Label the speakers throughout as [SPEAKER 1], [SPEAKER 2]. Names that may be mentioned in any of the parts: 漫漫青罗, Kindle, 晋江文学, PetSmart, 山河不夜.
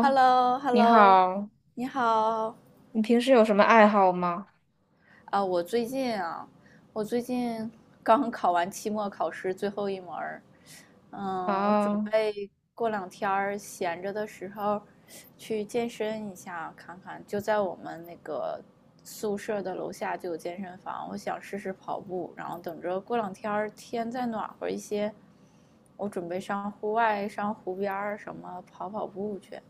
[SPEAKER 1] h e l l o h e l l
[SPEAKER 2] 你
[SPEAKER 1] o
[SPEAKER 2] 好，
[SPEAKER 1] 你好
[SPEAKER 2] 你平时有什么爱好吗？
[SPEAKER 1] 啊！我最近啊，我最近刚考完期末考试最后一门儿，嗯，我准
[SPEAKER 2] 啊，
[SPEAKER 1] 备过两天儿闲着的时候去健身一下，看看就在我们那个宿舍的楼下就有健身房，我想试试跑步，然后等着过两天儿天再暖和一些，我准备上户外、上湖边儿什么跑跑步去。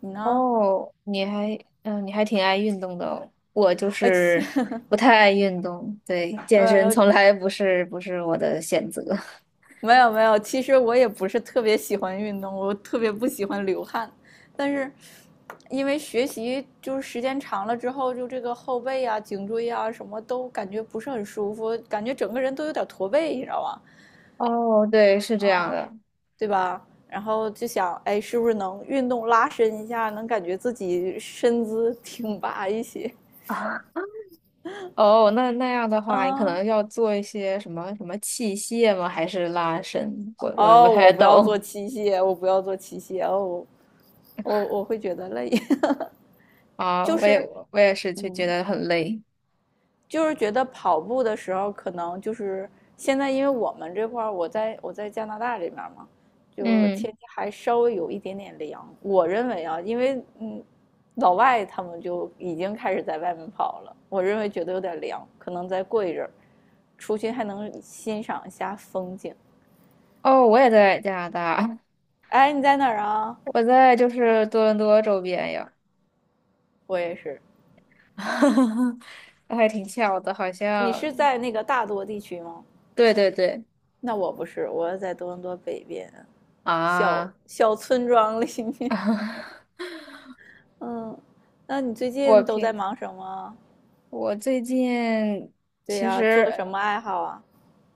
[SPEAKER 1] 你呢？
[SPEAKER 2] 哦，你还挺爱运动的哦。我就
[SPEAKER 1] 哎，
[SPEAKER 2] 是不太爱运动，对，健身
[SPEAKER 1] 呃，
[SPEAKER 2] 从来不是我的选择。
[SPEAKER 1] 没有没有，其实我也不是特别喜欢运动，我特别不喜欢流汗，但是因为学习就是时间长了之后，就这个后背啊、颈椎啊什么都感觉不是很舒服，感觉整个人都有点驼背，你知道吗？
[SPEAKER 2] 哦，对，是这样的。
[SPEAKER 1] 对吧？然后就想，哎，是不是能运动拉伸一下，能感觉自己身姿挺拔一些
[SPEAKER 2] 啊，哦，那样的话，你可
[SPEAKER 1] 啊？
[SPEAKER 2] 能要做一些什么什么器械吗？还是拉伸？我不
[SPEAKER 1] 哦，我
[SPEAKER 2] 太
[SPEAKER 1] 不要
[SPEAKER 2] 懂
[SPEAKER 1] 做器械，我不要做器械，哦，我会觉得累，
[SPEAKER 2] 啊，
[SPEAKER 1] 就
[SPEAKER 2] 我也
[SPEAKER 1] 是
[SPEAKER 2] 我也是就觉
[SPEAKER 1] 嗯。
[SPEAKER 2] 得很累。
[SPEAKER 1] 就是觉得跑步的时候，可能就是现在，因为我们这块儿，我在加拿大这边嘛，就是天
[SPEAKER 2] 嗯，
[SPEAKER 1] 气还稍微有一点点凉。我认为啊，因为老外他们就已经开始在外面跑了，我认为觉得有点凉，可能再过一阵儿，出去还能欣赏一下风景。
[SPEAKER 2] 哦，我也在加拿大。
[SPEAKER 1] 哎，你在哪儿啊？
[SPEAKER 2] 我在就是多伦多周边呀，
[SPEAKER 1] 我也是。
[SPEAKER 2] 还挺巧的，好
[SPEAKER 1] 你是
[SPEAKER 2] 像。
[SPEAKER 1] 在那个大多地区吗？
[SPEAKER 2] 对对对，
[SPEAKER 1] 那我不是，我在多伦多北边小
[SPEAKER 2] 啊，
[SPEAKER 1] 小村庄里面。嗯，那你最
[SPEAKER 2] 我
[SPEAKER 1] 近都在
[SPEAKER 2] 平
[SPEAKER 1] 忙什么？
[SPEAKER 2] 我最近
[SPEAKER 1] 对
[SPEAKER 2] 其
[SPEAKER 1] 呀，做什
[SPEAKER 2] 实
[SPEAKER 1] 么爱好啊？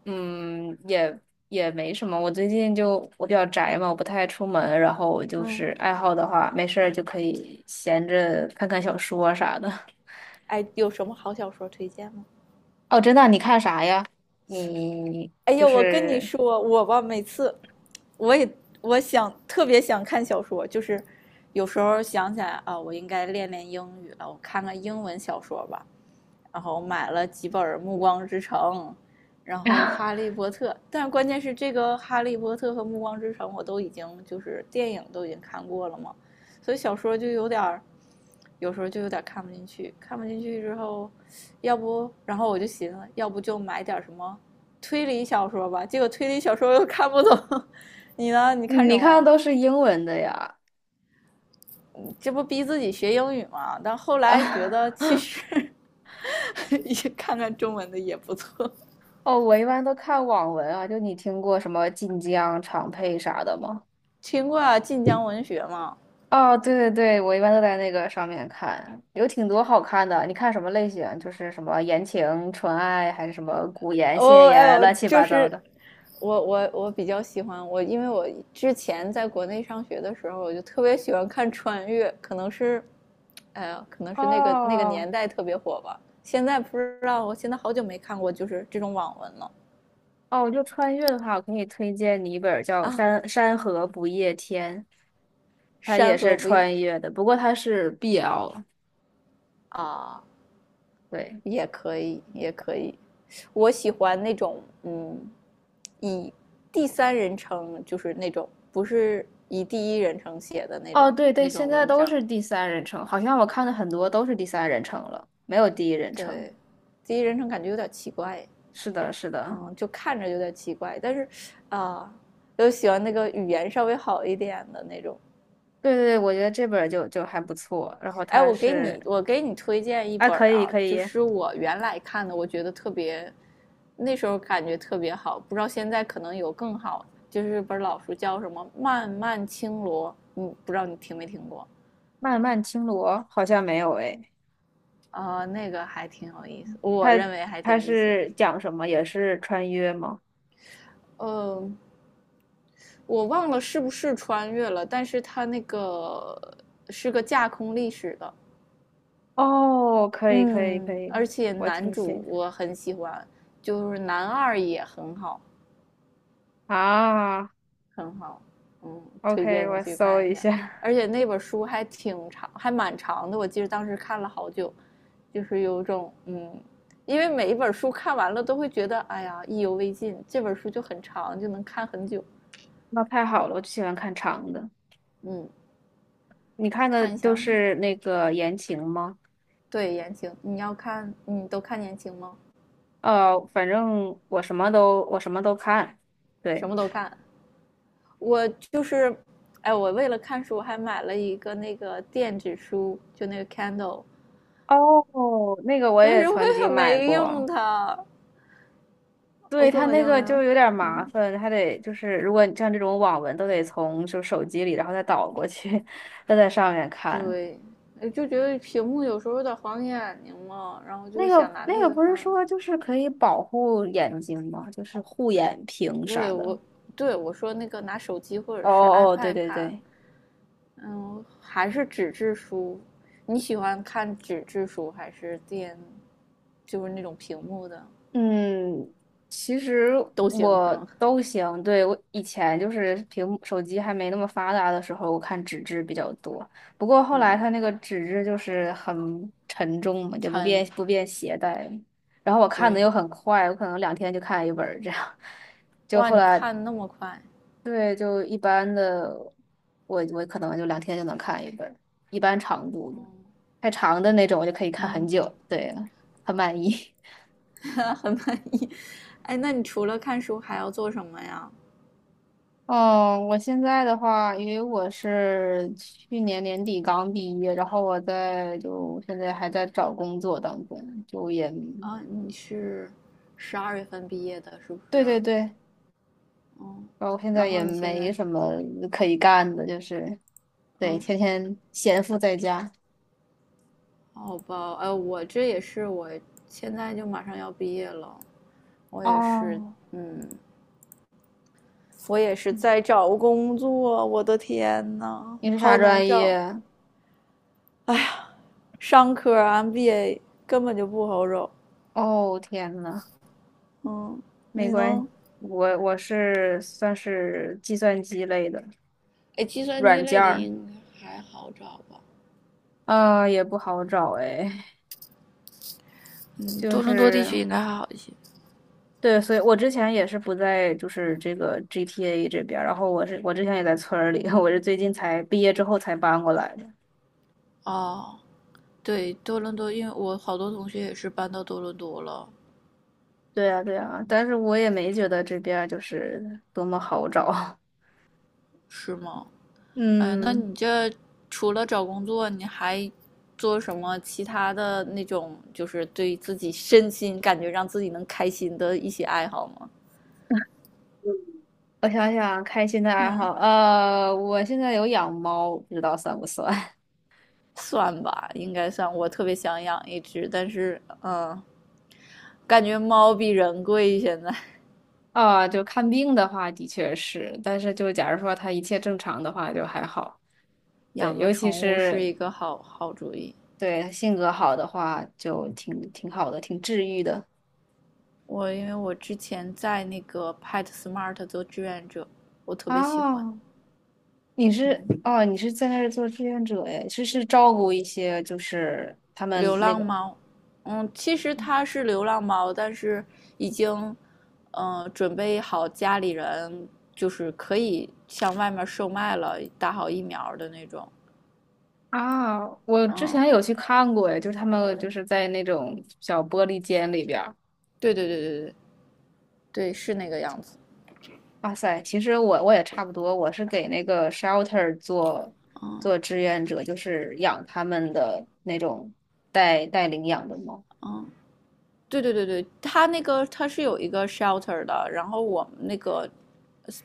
[SPEAKER 2] 嗯也也没什么，我最近就我比较宅嘛，我不太出门，然后我就
[SPEAKER 1] 嗯，
[SPEAKER 2] 是爱好的话，没事儿就可以闲着看看小说啊啥的。
[SPEAKER 1] 哎，有什么好小说推荐吗？
[SPEAKER 2] 哦，真的，你看啥呀？你
[SPEAKER 1] 哎
[SPEAKER 2] 就
[SPEAKER 1] 呀，我跟你
[SPEAKER 2] 是
[SPEAKER 1] 说，我吧，每次我也我特别想看小说，就是有时候想起来啊，我应该练练英语了，我看看英文小说吧。然后买了几本《暮光之城》，然后《哈利 波特》，但是关键是这个《哈利波特》和《暮光之城》我都已经就是电影都已经看过了嘛，所以小说就有点儿，有时候就有点看不进去，看不进去之后，要不然后我就寻思，要不就买点什么推理小说吧，结果推理小说又看不懂。你呢？你看什
[SPEAKER 2] 你看
[SPEAKER 1] 么？
[SPEAKER 2] 的都是英文的呀？
[SPEAKER 1] 这不逼自己学英语吗？但后来觉
[SPEAKER 2] 啊
[SPEAKER 1] 得其 实 看看中文的也不错。
[SPEAKER 2] 哦，我一般都看网文啊，就你听过什么晋江、长佩啥的吗？
[SPEAKER 1] 听过啊，晋江文学吗？
[SPEAKER 2] 哦，对对对，我一般都在那个上面看，有挺多好看的。你看什么类型？就是什么言情、纯爱，还是什么古言、现
[SPEAKER 1] 哦，哎
[SPEAKER 2] 言，
[SPEAKER 1] 呦，
[SPEAKER 2] 乱七
[SPEAKER 1] 就
[SPEAKER 2] 八糟
[SPEAKER 1] 是
[SPEAKER 2] 的。
[SPEAKER 1] 我比较喜欢因为我之前在国内上学的时候，我就特别喜欢看穿越，可能是，哎呀，可能是那个
[SPEAKER 2] 哦
[SPEAKER 1] 年代特别火吧。现在不知道，我现在好久没看过就是这种网文了
[SPEAKER 2] 哦，就穿越的话，我可以推荐你一本叫
[SPEAKER 1] 啊，
[SPEAKER 2] 《山河不夜天》，它
[SPEAKER 1] 《山
[SPEAKER 2] 也是
[SPEAKER 1] 河不夜》
[SPEAKER 2] 穿越的，不过它是 BL
[SPEAKER 1] 啊，
[SPEAKER 2] 对，
[SPEAKER 1] 也可以，也可以。我喜欢那种，嗯，以第三人称，就是那种不是以第一人称写的那
[SPEAKER 2] 哦
[SPEAKER 1] 种
[SPEAKER 2] 对对，
[SPEAKER 1] 那
[SPEAKER 2] 现
[SPEAKER 1] 种
[SPEAKER 2] 在
[SPEAKER 1] 文
[SPEAKER 2] 都
[SPEAKER 1] 章。
[SPEAKER 2] 是第三人称，好像我看的很多都是第三人称了，没有第一人称。
[SPEAKER 1] 对，第一人称感觉有点奇怪，
[SPEAKER 2] 是的，是的，
[SPEAKER 1] 嗯，就看着有点奇怪。但是，啊、呃又喜欢那个语言稍微好一点的那种，
[SPEAKER 2] 对对对，我觉得这本儿就还不错。然后
[SPEAKER 1] 哎，
[SPEAKER 2] 它是，
[SPEAKER 1] 我给你推荐一
[SPEAKER 2] 啊，
[SPEAKER 1] 本
[SPEAKER 2] 可以
[SPEAKER 1] 啊，
[SPEAKER 2] 可
[SPEAKER 1] 就
[SPEAKER 2] 以，
[SPEAKER 1] 是我原来看的，我觉得特别，那时候感觉特别好，不知道现在可能有更好，就是本老书叫什么《漫漫青罗》，嗯，不知道你听没听过？
[SPEAKER 2] 漫漫青罗好像没有诶，
[SPEAKER 1] 啊？那个还挺有意思，我
[SPEAKER 2] 它
[SPEAKER 1] 认为还挺
[SPEAKER 2] 它
[SPEAKER 1] 有意思。
[SPEAKER 2] 是讲什么？也是穿越吗？
[SPEAKER 1] 呃，我忘了是不是穿越了，但是它那个是个架空历史的，
[SPEAKER 2] 哦，可以可以可
[SPEAKER 1] 嗯，而
[SPEAKER 2] 以，
[SPEAKER 1] 且
[SPEAKER 2] 我
[SPEAKER 1] 男
[SPEAKER 2] 听
[SPEAKER 1] 主
[SPEAKER 2] 写
[SPEAKER 1] 我很喜欢，就是男二也很好。
[SPEAKER 2] 啊
[SPEAKER 1] 很好，嗯，推
[SPEAKER 2] ，OK，
[SPEAKER 1] 荐你
[SPEAKER 2] 我
[SPEAKER 1] 去
[SPEAKER 2] 搜
[SPEAKER 1] 看一
[SPEAKER 2] 一
[SPEAKER 1] 下。
[SPEAKER 2] 下。
[SPEAKER 1] 而且那本书还挺长，还蛮长的，我记得当时看了好久，就是有种嗯，因为每一本书看完了都会觉得哎呀意犹未尽，这本书就很长，就能看很久。
[SPEAKER 2] 那太好了，我就喜欢看长的。
[SPEAKER 1] 嗯，
[SPEAKER 2] 你看的
[SPEAKER 1] 看一
[SPEAKER 2] 都
[SPEAKER 1] 下，
[SPEAKER 2] 是那个言情吗？
[SPEAKER 1] 对言情，你要看你都看言情吗？
[SPEAKER 2] 呃，反正我什么都看。
[SPEAKER 1] 什
[SPEAKER 2] 对，
[SPEAKER 1] 么都看，我就是，哎，我为了看书还买了一个那个电子书，就那个 Kindle,
[SPEAKER 2] 哦，那个我
[SPEAKER 1] 但
[SPEAKER 2] 也
[SPEAKER 1] 是我
[SPEAKER 2] 曾经
[SPEAKER 1] 也
[SPEAKER 2] 买
[SPEAKER 1] 没用
[SPEAKER 2] 过。
[SPEAKER 1] 它，我
[SPEAKER 2] 对，
[SPEAKER 1] 根
[SPEAKER 2] 它
[SPEAKER 1] 本
[SPEAKER 2] 那
[SPEAKER 1] 就
[SPEAKER 2] 个
[SPEAKER 1] 没有，
[SPEAKER 2] 就有点麻
[SPEAKER 1] 嗯，
[SPEAKER 2] 烦，还得就是如果你像这种网文都得从就手机里，然后再导过去，再在上面看。
[SPEAKER 1] 对，哎就觉得屏幕有时候有点晃眼睛嘛，然后
[SPEAKER 2] 那
[SPEAKER 1] 就想
[SPEAKER 2] 个
[SPEAKER 1] 拿
[SPEAKER 2] 那
[SPEAKER 1] 那
[SPEAKER 2] 个
[SPEAKER 1] 个
[SPEAKER 2] 不是
[SPEAKER 1] 看。
[SPEAKER 2] 说就是可以保护眼睛吗？就是护眼屏啥
[SPEAKER 1] 对
[SPEAKER 2] 的。
[SPEAKER 1] 我，对我说那个拿手机或者
[SPEAKER 2] 哦
[SPEAKER 1] 是
[SPEAKER 2] 哦，对
[SPEAKER 1] iPad
[SPEAKER 2] 对
[SPEAKER 1] 看，
[SPEAKER 2] 对，
[SPEAKER 1] 嗯，还是纸质书。你喜欢看纸质书还是电，就是那种屏幕的
[SPEAKER 2] 嗯，其实
[SPEAKER 1] 都行是
[SPEAKER 2] 我
[SPEAKER 1] 吗？
[SPEAKER 2] 都行。对，我以前就是屏幕手机还没那么发达的时候，我看纸质比较多。不过后来
[SPEAKER 1] 嗯，
[SPEAKER 2] 它那个纸质就是很沉重嘛，就不便
[SPEAKER 1] 穿
[SPEAKER 2] 不便携带。然后我看的
[SPEAKER 1] 对，
[SPEAKER 2] 又很快，我可能两天就看一本儿这样。就
[SPEAKER 1] 哇，
[SPEAKER 2] 后
[SPEAKER 1] 你
[SPEAKER 2] 来
[SPEAKER 1] 看那么快，
[SPEAKER 2] 对，就一般的，我可能就两天就能看一本儿一般长度
[SPEAKER 1] 哦，
[SPEAKER 2] 的太长的那种我就可以看很
[SPEAKER 1] 嗯，
[SPEAKER 2] 久。对，很满意。
[SPEAKER 1] 很满意。哎，那你除了看书还要做什么呀？
[SPEAKER 2] 哦，我现在的话，因为我是去年年底刚毕业，然后就现在还在找工作当中，
[SPEAKER 1] 啊，你是12月份毕业的，是不是
[SPEAKER 2] 对对
[SPEAKER 1] 啊？
[SPEAKER 2] 对，
[SPEAKER 1] 嗯，
[SPEAKER 2] 然后现在
[SPEAKER 1] 然
[SPEAKER 2] 也
[SPEAKER 1] 后你现
[SPEAKER 2] 没
[SPEAKER 1] 在，
[SPEAKER 2] 什么可以干的，就是对，
[SPEAKER 1] 嗯，
[SPEAKER 2] 天天闲赋在家。
[SPEAKER 1] 好吧，我这也是，我现在就马上要毕业了，我也是，
[SPEAKER 2] 哦，
[SPEAKER 1] 嗯，我也是在找工作，我的天呐，
[SPEAKER 2] 你是
[SPEAKER 1] 好
[SPEAKER 2] 啥
[SPEAKER 1] 难
[SPEAKER 2] 专
[SPEAKER 1] 找，
[SPEAKER 2] 业？
[SPEAKER 1] 哎呀，商科 MBA 根本就不好找，
[SPEAKER 2] 哦，天呐，
[SPEAKER 1] 嗯，
[SPEAKER 2] 没
[SPEAKER 1] 你
[SPEAKER 2] 关
[SPEAKER 1] 呢？
[SPEAKER 2] 系，我是算是计算机类的
[SPEAKER 1] 哎，计算机
[SPEAKER 2] 软件
[SPEAKER 1] 类的
[SPEAKER 2] 儿，
[SPEAKER 1] 应该还好找吧？
[SPEAKER 2] 也不好找哎。
[SPEAKER 1] 嗯，
[SPEAKER 2] 就
[SPEAKER 1] 多伦多地
[SPEAKER 2] 是
[SPEAKER 1] 区应该还好一些。
[SPEAKER 2] 对，所以我之前也是不在，就是这个 GTA 这边儿然后我之前也在村儿里，我是最近才毕业之后才搬过来的。
[SPEAKER 1] 哦，对，多伦多，因为我好多同学也是搬到多伦多了，
[SPEAKER 2] 对呀对呀，但是我也没觉得这边儿就是多么好找。
[SPEAKER 1] 是吗？哎，那
[SPEAKER 2] 嗯，
[SPEAKER 1] 你这除了找工作，你还做什么其他的那种，就是对自己身心感觉让自己能开心的一些爱好吗？
[SPEAKER 2] 我想想，开心的爱
[SPEAKER 1] 嗯，
[SPEAKER 2] 好，我现在有养猫，不知道算不算
[SPEAKER 1] 算吧，应该算。我特别想养一只，但是，嗯，感觉猫比人贵，现在
[SPEAKER 2] 啊？就看病的话，的确是，但是就假如说它一切正常的话，就还好。对，
[SPEAKER 1] 养个
[SPEAKER 2] 尤其
[SPEAKER 1] 宠物是
[SPEAKER 2] 是
[SPEAKER 1] 一个好好主意。
[SPEAKER 2] 对性格好的话，就挺好的，挺治愈的。
[SPEAKER 1] 因为我之前在那个 PetSmart 做志愿者，我特别喜欢。
[SPEAKER 2] 哦，你是
[SPEAKER 1] 嗯，
[SPEAKER 2] 哦，你是在那儿做志愿者哎，是照顾一些就是他们
[SPEAKER 1] 流
[SPEAKER 2] 那
[SPEAKER 1] 浪
[SPEAKER 2] 个
[SPEAKER 1] 猫，嗯，其实它是流浪猫，但是已经，准备好家里人就是可以向外面售卖了，打好疫苗的那种。
[SPEAKER 2] 啊，我之
[SPEAKER 1] 嗯，
[SPEAKER 2] 前有去看过哎，就是他们就是在那种小玻璃间里边儿。
[SPEAKER 1] 对对对对对对，是那个样子。
[SPEAKER 2] 哇塞，其实我也差不多，我是给那个 shelter 做
[SPEAKER 1] 嗯。
[SPEAKER 2] 做志愿者，就是养他们的那种带领养的猫。
[SPEAKER 1] 对，它那个它是有一个 shelter 的，然后我们那个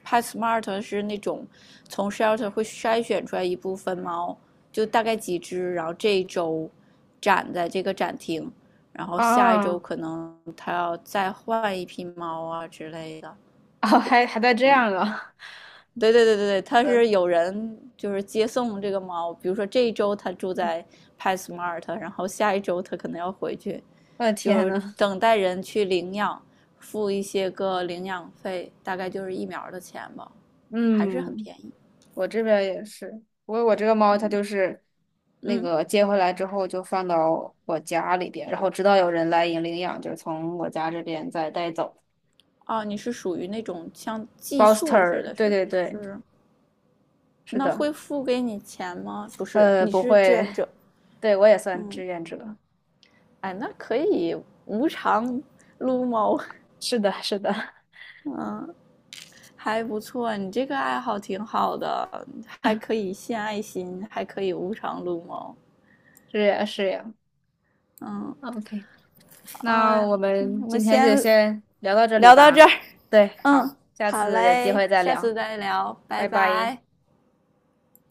[SPEAKER 1] Pet Smart 是那种从 shelter 会筛选出来一部分猫，就大概几只，然后这一周展在这个展厅，然后下一
[SPEAKER 2] 啊
[SPEAKER 1] 周可 能它要再换一批猫啊之类的，
[SPEAKER 2] 哦，还带这
[SPEAKER 1] 嗯。
[SPEAKER 2] 样啊！
[SPEAKER 1] 对，他是有人就是接送这个猫，比如说这一周他住在 PetSmart,然后下一周他可能要回去，
[SPEAKER 2] 我的天
[SPEAKER 1] 就是
[SPEAKER 2] 呐，
[SPEAKER 1] 等待人去领养，付一些个领养费，大概就是疫苗的钱吧，还是很
[SPEAKER 2] 嗯。
[SPEAKER 1] 便宜。
[SPEAKER 2] 我这边也是，我这个猫它
[SPEAKER 1] 嗯
[SPEAKER 2] 就是那
[SPEAKER 1] 嗯，
[SPEAKER 2] 个接回来之后就放到我家里边，然后直到有人来领养，就是从我家这边再带走。
[SPEAKER 1] 啊，你是属于那种像
[SPEAKER 2] b
[SPEAKER 1] 寄
[SPEAKER 2] o s t e
[SPEAKER 1] 宿似
[SPEAKER 2] r
[SPEAKER 1] 的
[SPEAKER 2] 对
[SPEAKER 1] 是，
[SPEAKER 2] 对
[SPEAKER 1] 是
[SPEAKER 2] 对，
[SPEAKER 1] 不是？
[SPEAKER 2] 是
[SPEAKER 1] 那
[SPEAKER 2] 的，
[SPEAKER 1] 会付给你钱吗？不是，你
[SPEAKER 2] 不
[SPEAKER 1] 是志
[SPEAKER 2] 会，
[SPEAKER 1] 愿者。
[SPEAKER 2] 对我也算
[SPEAKER 1] 嗯，
[SPEAKER 2] 志愿者，
[SPEAKER 1] 哎，那可以无偿撸猫。
[SPEAKER 2] 是的，是的，
[SPEAKER 1] 嗯。还不错，你这个爱好挺好的，还可以献爱心，还可以无偿撸猫。
[SPEAKER 2] 是呀，是呀。
[SPEAKER 1] 嗯，
[SPEAKER 2] OK，
[SPEAKER 1] 哎
[SPEAKER 2] 那
[SPEAKER 1] 呀，
[SPEAKER 2] 我们
[SPEAKER 1] 我们
[SPEAKER 2] 今天就
[SPEAKER 1] 先
[SPEAKER 2] 先聊到这里
[SPEAKER 1] 聊到这
[SPEAKER 2] 吧。
[SPEAKER 1] 儿。
[SPEAKER 2] 对，好，
[SPEAKER 1] 嗯，
[SPEAKER 2] 下
[SPEAKER 1] 好
[SPEAKER 2] 次有机
[SPEAKER 1] 嘞，
[SPEAKER 2] 会再
[SPEAKER 1] 下次
[SPEAKER 2] 聊，
[SPEAKER 1] 再聊，拜
[SPEAKER 2] 拜拜。
[SPEAKER 1] 拜。